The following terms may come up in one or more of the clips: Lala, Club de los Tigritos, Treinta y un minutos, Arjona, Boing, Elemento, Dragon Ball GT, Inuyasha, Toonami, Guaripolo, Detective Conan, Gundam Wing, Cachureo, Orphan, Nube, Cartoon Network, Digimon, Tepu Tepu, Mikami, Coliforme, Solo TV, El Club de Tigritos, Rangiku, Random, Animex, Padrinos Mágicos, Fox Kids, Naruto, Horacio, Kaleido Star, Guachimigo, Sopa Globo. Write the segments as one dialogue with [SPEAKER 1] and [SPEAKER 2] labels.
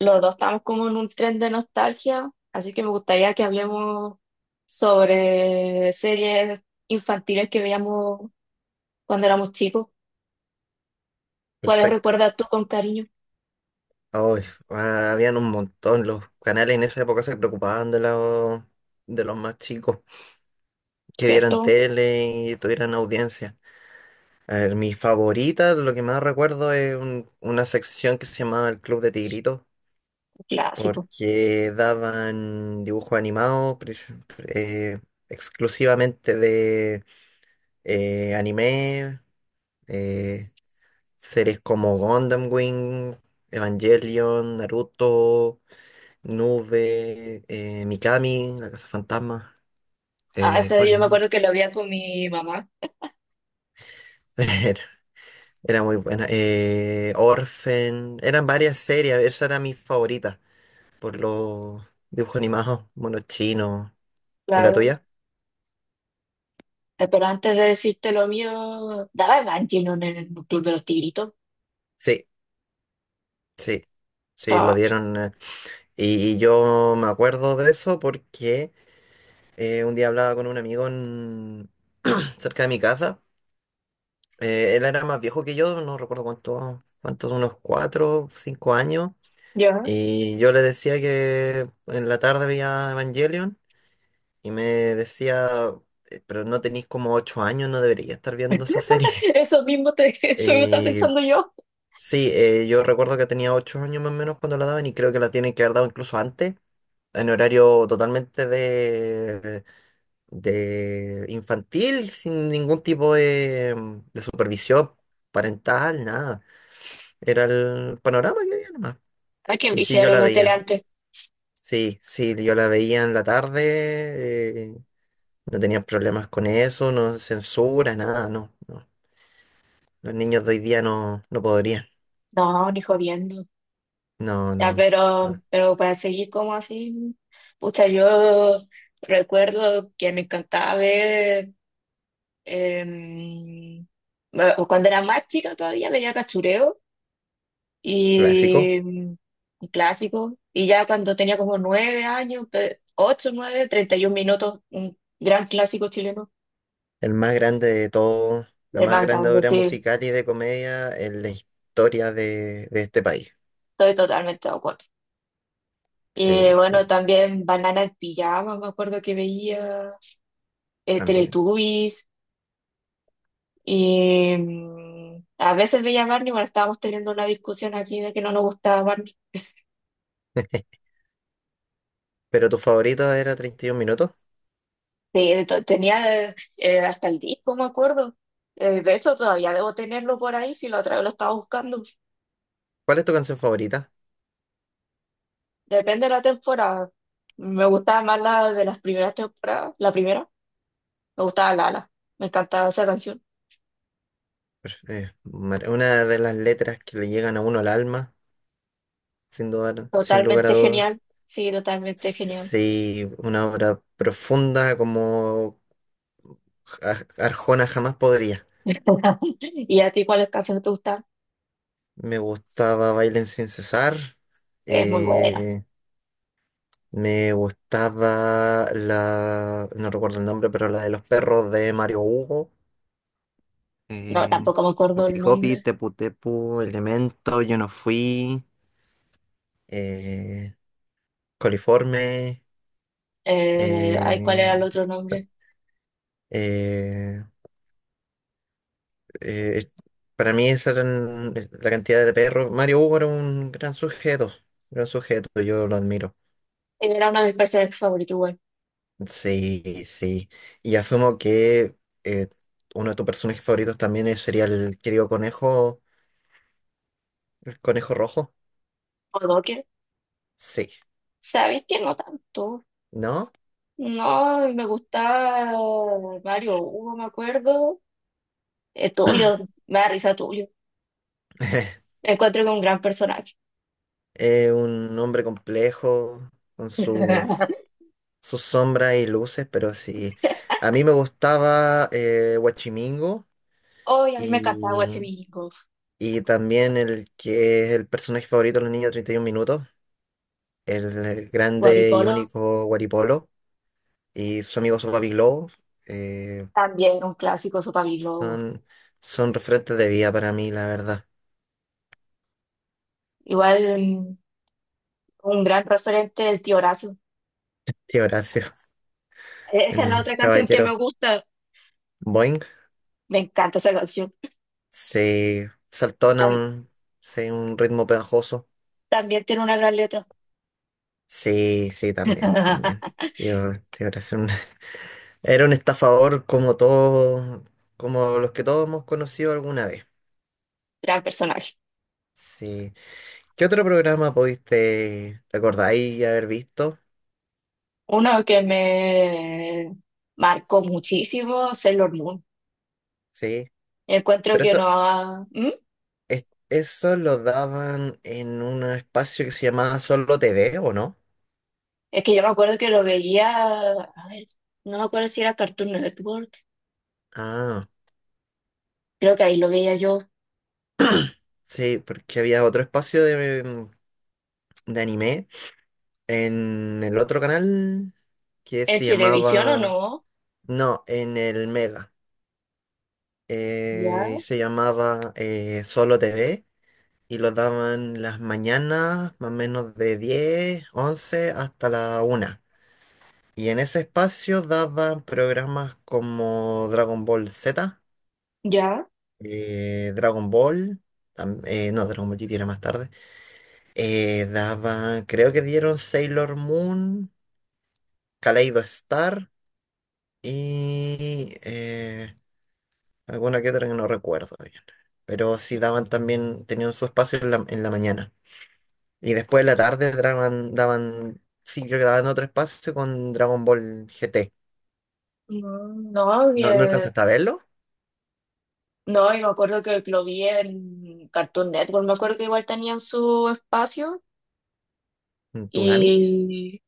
[SPEAKER 1] Los dos estamos como en un tren de nostalgia, así que me gustaría que hablemos sobre series infantiles que veíamos cuando éramos chicos. ¿Cuáles
[SPEAKER 2] Perfecto.
[SPEAKER 1] recuerdas tú con cariño?
[SPEAKER 2] Ay, habían un montón. Los canales en esa época se preocupaban de de los más chicos, que vieran
[SPEAKER 1] ¿Cierto?
[SPEAKER 2] tele y tuvieran audiencia. A ver, mi favorita, lo que más recuerdo es una sección que se llamaba El Club de Tigritos,
[SPEAKER 1] Un clásico.
[SPEAKER 2] porque daban dibujos animados eh, exclusivamente de anime, eh, series como Gundam Wing, Evangelion, Naruto. Nube, Mikami, La Casa Fantasma,
[SPEAKER 1] Ah, eso
[SPEAKER 2] ¿cuál
[SPEAKER 1] yo me
[SPEAKER 2] más?
[SPEAKER 1] acuerdo que lo veía con mi mamá,
[SPEAKER 2] Era, era muy buena. Orphan, eran varias series, esa era mi favorita, por los dibujos animados, monos chinos. ¿Y la
[SPEAKER 1] claro.
[SPEAKER 2] tuya?
[SPEAKER 1] Pero antes de decirte lo mío, daba Evangelion en el Club de los Tigritos.
[SPEAKER 2] Sí, sí, sí, lo
[SPEAKER 1] Ah,
[SPEAKER 2] dieron. Y yo me acuerdo de eso porque un día hablaba con un amigo cerca de mi casa. Él era más viejo que yo, no recuerdo cuántos, unos cuatro, cinco años.
[SPEAKER 1] ya.
[SPEAKER 2] Y yo le decía que en la tarde veía Evangelion y me decía, pero no tenéis como 8 años, no debería estar viendo esa serie."
[SPEAKER 1] Eso mismo te, eso mismo estaba
[SPEAKER 2] Y
[SPEAKER 1] pensando yo.
[SPEAKER 2] sí, yo recuerdo que tenía 8 años más o menos cuando la daban y creo que la tienen que haber dado incluso antes, en horario totalmente de infantil, sin ningún tipo de supervisión parental, nada. Era el panorama que había nomás.
[SPEAKER 1] Ay, qué
[SPEAKER 2] Y sí,
[SPEAKER 1] brígida
[SPEAKER 2] yo
[SPEAKER 1] era
[SPEAKER 2] la
[SPEAKER 1] la tele
[SPEAKER 2] veía.
[SPEAKER 1] antes.
[SPEAKER 2] Sí, sí, yo la veía en la tarde, no tenían problemas con eso, no censura, nada, no, no. Los niños de hoy día no, no podrían.
[SPEAKER 1] No, ni jodiendo.
[SPEAKER 2] No,
[SPEAKER 1] Ya,
[SPEAKER 2] no,
[SPEAKER 1] pero,
[SPEAKER 2] no.
[SPEAKER 1] pero para seguir como así, pucha, yo recuerdo que me encantaba ver, em, bueno, cuando era más chica todavía veía Cachureo
[SPEAKER 2] Clásico,
[SPEAKER 1] y un clásico, y ya cuando tenía como 9 años, ocho, nueve, 31 minutos, un gran clásico chileno,
[SPEAKER 2] el más grande de todo, la
[SPEAKER 1] el
[SPEAKER 2] más
[SPEAKER 1] más
[SPEAKER 2] grande
[SPEAKER 1] grande,
[SPEAKER 2] obra
[SPEAKER 1] sí,
[SPEAKER 2] musical y de comedia en la historia de este país.
[SPEAKER 1] estoy totalmente de acuerdo. Y
[SPEAKER 2] Sí, sí,
[SPEAKER 1] bueno, también Banana en Pijama, me acuerdo que veía,
[SPEAKER 2] también.
[SPEAKER 1] Teletubbies. Y a veces veía a Barney, bueno, estábamos teniendo una discusión aquí de que no nos gustaba Barney.
[SPEAKER 2] Pero tu favorito era 31 minutos.
[SPEAKER 1] Sí, tenía hasta el disco, me acuerdo. De hecho, todavía debo tenerlo por ahí si lo otra vez lo estaba buscando.
[SPEAKER 2] ¿Cuál es tu canción favorita?
[SPEAKER 1] Depende de la temporada. Me gustaba más la de las primeras temporadas. La primera, me gustaba Lala. Me encantaba esa canción.
[SPEAKER 2] Pues, una de las letras que le llegan a uno al alma, sin dudar, sin lugar a
[SPEAKER 1] Totalmente
[SPEAKER 2] dudas.
[SPEAKER 1] genial. Sí, totalmente genial.
[SPEAKER 2] Sí, una obra profunda como Arjona jamás podría.
[SPEAKER 1] ¿Y a ti cuáles canciones te gustan?
[SPEAKER 2] Me gustaba Bailen sin cesar.
[SPEAKER 1] Es muy buena.
[SPEAKER 2] eh, Me gustaba no recuerdo el nombre, pero la de los perros de Mario Hugo. Eh,
[SPEAKER 1] No, tampoco me acuerdo
[SPEAKER 2] Copi
[SPEAKER 1] el
[SPEAKER 2] Copi,
[SPEAKER 1] nombre.
[SPEAKER 2] Tepu Tepu, Elemento, Yo no fui. eh, Coliforme.
[SPEAKER 1] Ay, ¿cuál era
[SPEAKER 2] eh,
[SPEAKER 1] el otro nombre?
[SPEAKER 2] eh, Eh, para mí esa eran la cantidad de perros. Mario Hugo era un gran sujeto, yo lo admiro.
[SPEAKER 1] Él era uno de mis personajes favoritos, igual.
[SPEAKER 2] Sí, sí. Y asumo que eh, uno de tus personajes favoritos también sería el querido conejo, el conejo rojo.
[SPEAKER 1] O Docker.
[SPEAKER 2] Sí,
[SPEAKER 1] Sabéis que no tanto.
[SPEAKER 2] ¿no?
[SPEAKER 1] No, me gustaba Mario Hugo, me acuerdo. Tulio, me da risa Tulio. Me encuentro con un gran personaje.
[SPEAKER 2] Un hombre complejo, con sus sombras y luces, pero sí. A mí me gustaba Huachimingo.
[SPEAKER 1] Hoy a mí me encantaba
[SPEAKER 2] y
[SPEAKER 1] Guachimigo.
[SPEAKER 2] Y también el que es el personaje favorito de los niños de 31 minutos, el grande y
[SPEAKER 1] Guaripolo,
[SPEAKER 2] único Guaripolo, y su amigo su papi Globo, eh,
[SPEAKER 1] también un clásico, Sopa Globo.
[SPEAKER 2] son, son referentes de vida para mí, la verdad.
[SPEAKER 1] Igual un gran referente del tío Horacio.
[SPEAKER 2] Y Horacio,
[SPEAKER 1] Esa es la
[SPEAKER 2] el
[SPEAKER 1] otra canción que me
[SPEAKER 2] caballero
[SPEAKER 1] gusta.
[SPEAKER 2] Boing,
[SPEAKER 1] Me encanta esa canción.
[SPEAKER 2] se saltona
[SPEAKER 1] Tam-
[SPEAKER 2] un, sí, un ritmo pegajoso.
[SPEAKER 1] también tiene una gran letra.
[SPEAKER 2] Sí, sí, también, también. Tío, tío Horacio, era un estafador como todos, como los que todos hemos conocido alguna vez.
[SPEAKER 1] Gran personaje.
[SPEAKER 2] Sí. ¿Qué otro programa pudiste, te acordáis haber visto?
[SPEAKER 1] Uno que me marcó muchísimo, Sailor Moon.
[SPEAKER 2] Sí,
[SPEAKER 1] Encuentro
[SPEAKER 2] pero
[SPEAKER 1] que
[SPEAKER 2] eso,
[SPEAKER 1] no ha... ¿Mm?
[SPEAKER 2] eso lo daban en un espacio que se llamaba Solo TV, ¿o no?
[SPEAKER 1] Es que yo me acuerdo que lo veía, a ver, no me acuerdo si era Cartoon Network,
[SPEAKER 2] Ah,
[SPEAKER 1] creo que ahí lo veía yo.
[SPEAKER 2] sí, porque había otro espacio de anime en el otro canal que
[SPEAKER 1] ¿En
[SPEAKER 2] se
[SPEAKER 1] televisión o no?
[SPEAKER 2] no, en el Mega,
[SPEAKER 1] Ya,
[SPEAKER 2] se llamaba Solo TV y lo daban las mañanas, más o menos de 10 11 hasta la una. Y en ese espacio daban programas como Dragon Ball Z,
[SPEAKER 1] ya.
[SPEAKER 2] Dragon Ball, no, Dragon Ball GT era más tarde. Daban, creo que dieron Sailor Moon, Kaleido Star y alguna que otra que no recuerdo bien. Pero sí daban también, tenían su espacio en en la mañana. Y después en la tarde daban, sí, creo que daban otro espacio con Dragon Ball GT.
[SPEAKER 1] No,
[SPEAKER 2] ¿No, no alcanzaste a verlo?
[SPEAKER 1] no, y me acuerdo que lo vi en Cartoon Network, me acuerdo que igual tenían su espacio
[SPEAKER 2] ¿Tunami?
[SPEAKER 1] y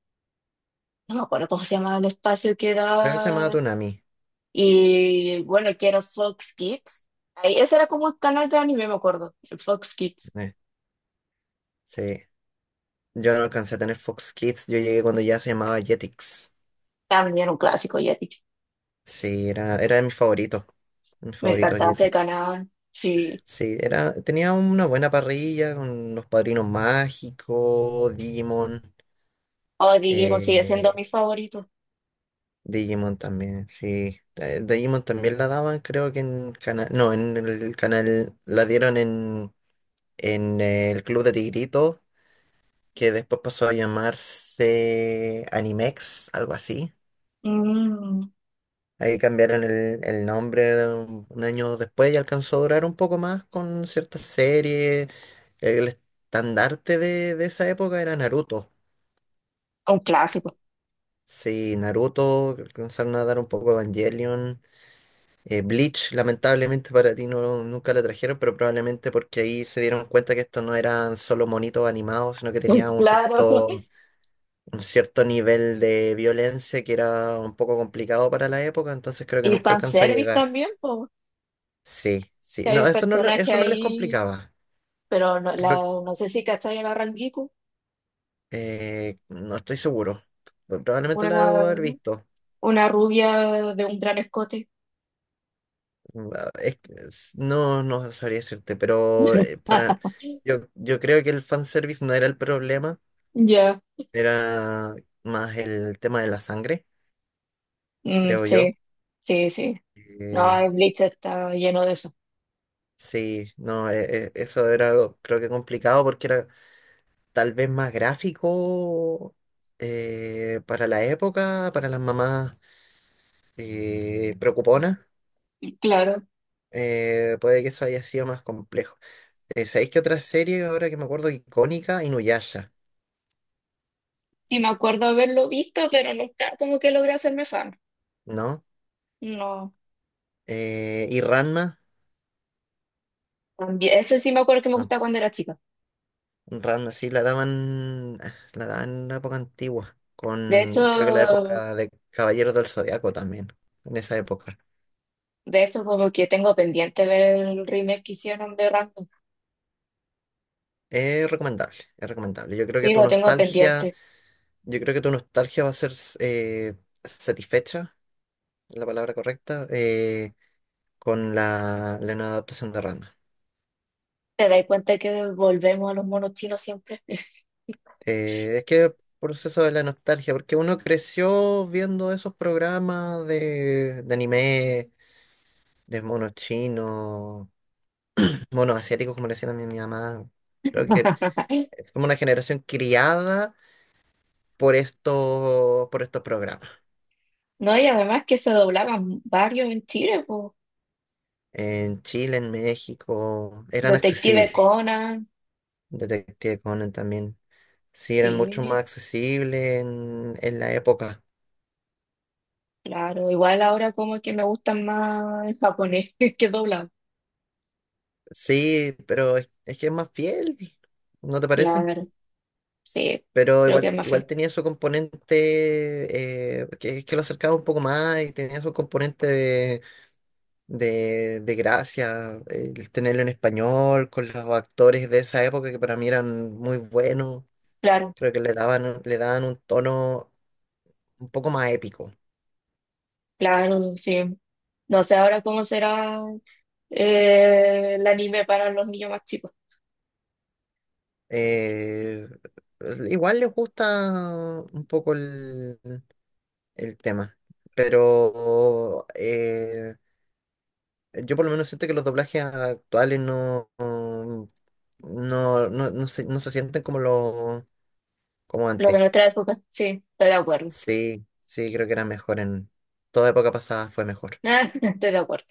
[SPEAKER 1] no me acuerdo cómo se llamaba el espacio que
[SPEAKER 2] Creo que se llamaba
[SPEAKER 1] da.
[SPEAKER 2] Toonami.
[SPEAKER 1] Y bueno, que era Fox Kids. Ahí, ese era como el canal de anime, me acuerdo. El Fox Kids.
[SPEAKER 2] eh, sí. Yo no alcancé a tener Fox Kids. Yo llegué cuando ya se llamaba Jetix.
[SPEAKER 1] También un clásico, dije.
[SPEAKER 2] Sí, era de mis favoritos. Mis
[SPEAKER 1] Me
[SPEAKER 2] favoritos
[SPEAKER 1] encantaba ese
[SPEAKER 2] Jetix.
[SPEAKER 1] canal. Sí.
[SPEAKER 2] Sí, era, tenía una buena parrilla con los Padrinos Mágicos, Digimon.
[SPEAKER 1] O Digimon sigue siendo
[SPEAKER 2] eh,
[SPEAKER 1] mi favorito.
[SPEAKER 2] Digimon también, sí. Digimon también la daban, creo que en canal. No, en el canal. La dieron en el Club de Tigritos, que después pasó a llamarse Animex, algo así.
[SPEAKER 1] Mm,
[SPEAKER 2] Ahí cambiaron el nombre un año después y alcanzó a durar un poco más con ciertas series. El estandarte de esa época era Naruto.
[SPEAKER 1] un clásico.
[SPEAKER 2] Sí, Naruto, alcanzaron a dar un poco Evangelion. Bleach, lamentablemente para ti no, nunca la trajeron, pero probablemente porque ahí se dieron cuenta que esto no eran solo monitos animados, sino que
[SPEAKER 1] Sí,
[SPEAKER 2] tenía
[SPEAKER 1] claro.
[SPEAKER 2] un cierto nivel de violencia que era un poco complicado para la época, entonces creo que
[SPEAKER 1] Y
[SPEAKER 2] nunca alcanzó a
[SPEAKER 1] fanservice
[SPEAKER 2] llegar.
[SPEAKER 1] también, pues.
[SPEAKER 2] Sí,
[SPEAKER 1] Si
[SPEAKER 2] sí.
[SPEAKER 1] hay
[SPEAKER 2] No,
[SPEAKER 1] un
[SPEAKER 2] eso no,
[SPEAKER 1] personaje
[SPEAKER 2] eso no les
[SPEAKER 1] ahí,
[SPEAKER 2] complicaba.
[SPEAKER 1] pero no,
[SPEAKER 2] Creo que
[SPEAKER 1] no sé si cachai a la Rangiku.
[SPEAKER 2] no estoy seguro. Probablemente lo
[SPEAKER 1] Una,
[SPEAKER 2] debo haber visto.
[SPEAKER 1] una rubia de un gran escote.
[SPEAKER 2] Mm, ah, es que no, no sabría decirte, pero para yo, yo creo que el fanservice no era el problema,
[SPEAKER 1] Ya.
[SPEAKER 2] era más el tema de la sangre,
[SPEAKER 1] Mm,
[SPEAKER 2] creo yo.
[SPEAKER 1] sí. Sí, sí. No,
[SPEAKER 2] Eh,
[SPEAKER 1] el Bleach está lleno de eso.
[SPEAKER 2] sí, no, eso era algo, creo que complicado porque era tal vez más gráfico para la época, para las mamás preocuponas.
[SPEAKER 1] Claro,
[SPEAKER 2] Puede que eso haya sido más complejo. ¿Sabéis qué otra serie ahora que me acuerdo icónica? Inuyasha,
[SPEAKER 1] sí me acuerdo haberlo visto, pero nunca como que logré hacerme fan.
[SPEAKER 2] ¿no?
[SPEAKER 1] No,
[SPEAKER 2] ¿Y Ranma?
[SPEAKER 1] también, ese sí me acuerdo que me
[SPEAKER 2] No.
[SPEAKER 1] gustaba cuando era chica.
[SPEAKER 2] Ranma, sí, la daban, ah, la daban en una época antigua,
[SPEAKER 1] De hecho,
[SPEAKER 2] con creo que la época de Caballeros del Zodiaco también, en esa época.
[SPEAKER 1] de hecho, como que tengo pendiente ver el remake que hicieron de Random.
[SPEAKER 2] Es recomendable, es recomendable. Yo creo que
[SPEAKER 1] Sí,
[SPEAKER 2] tu
[SPEAKER 1] lo tengo
[SPEAKER 2] nostalgia,
[SPEAKER 1] pendiente.
[SPEAKER 2] yo creo que tu nostalgia va a ser eh, satisfecha, es la palabra correcta, con la nueva adaptación de Ranma.
[SPEAKER 1] Te das cuenta que volvemos a los monos chinos siempre.
[SPEAKER 2] Es que proceso de la nostalgia, porque uno creció viendo esos programas de anime, de monos chinos, monos asiáticos, como le decía también mi mamá. Creo que somos una generación criada por por estos programas.
[SPEAKER 1] No, y además que se doblaban varios en Chile, po.
[SPEAKER 2] En Chile, en México, eran
[SPEAKER 1] Detective
[SPEAKER 2] accesibles.
[SPEAKER 1] Conan,
[SPEAKER 2] Detective Conan también. Sí, eran mucho
[SPEAKER 1] sí,
[SPEAKER 2] más accesibles en la época.
[SPEAKER 1] claro. Igual ahora como que me gustan más en japonés que doblado.
[SPEAKER 2] Sí, pero es que es más fiel, ¿no te parece?
[SPEAKER 1] Claro, sí,
[SPEAKER 2] Pero
[SPEAKER 1] creo que
[SPEAKER 2] igual,
[SPEAKER 1] es más.
[SPEAKER 2] igual tenía su componente que lo acercaba un poco más y tenía su componente de gracia, el tenerlo en español, con los actores de esa época que para mí eran muy buenos,
[SPEAKER 1] Claro,
[SPEAKER 2] creo que le le daban un tono un poco más épico.
[SPEAKER 1] claro, sí. No sé ahora cómo será el anime para los niños más chicos.
[SPEAKER 2] Eh, igual les gusta un poco el tema, pero yo por lo menos siento que los doblajes actuales no se sienten como como
[SPEAKER 1] Lo de
[SPEAKER 2] antes.
[SPEAKER 1] nuestra época, sí, estoy de acuerdo.
[SPEAKER 2] Sí, sí, creo que era mejor en toda época pasada fue mejor.
[SPEAKER 1] Estoy de acuerdo.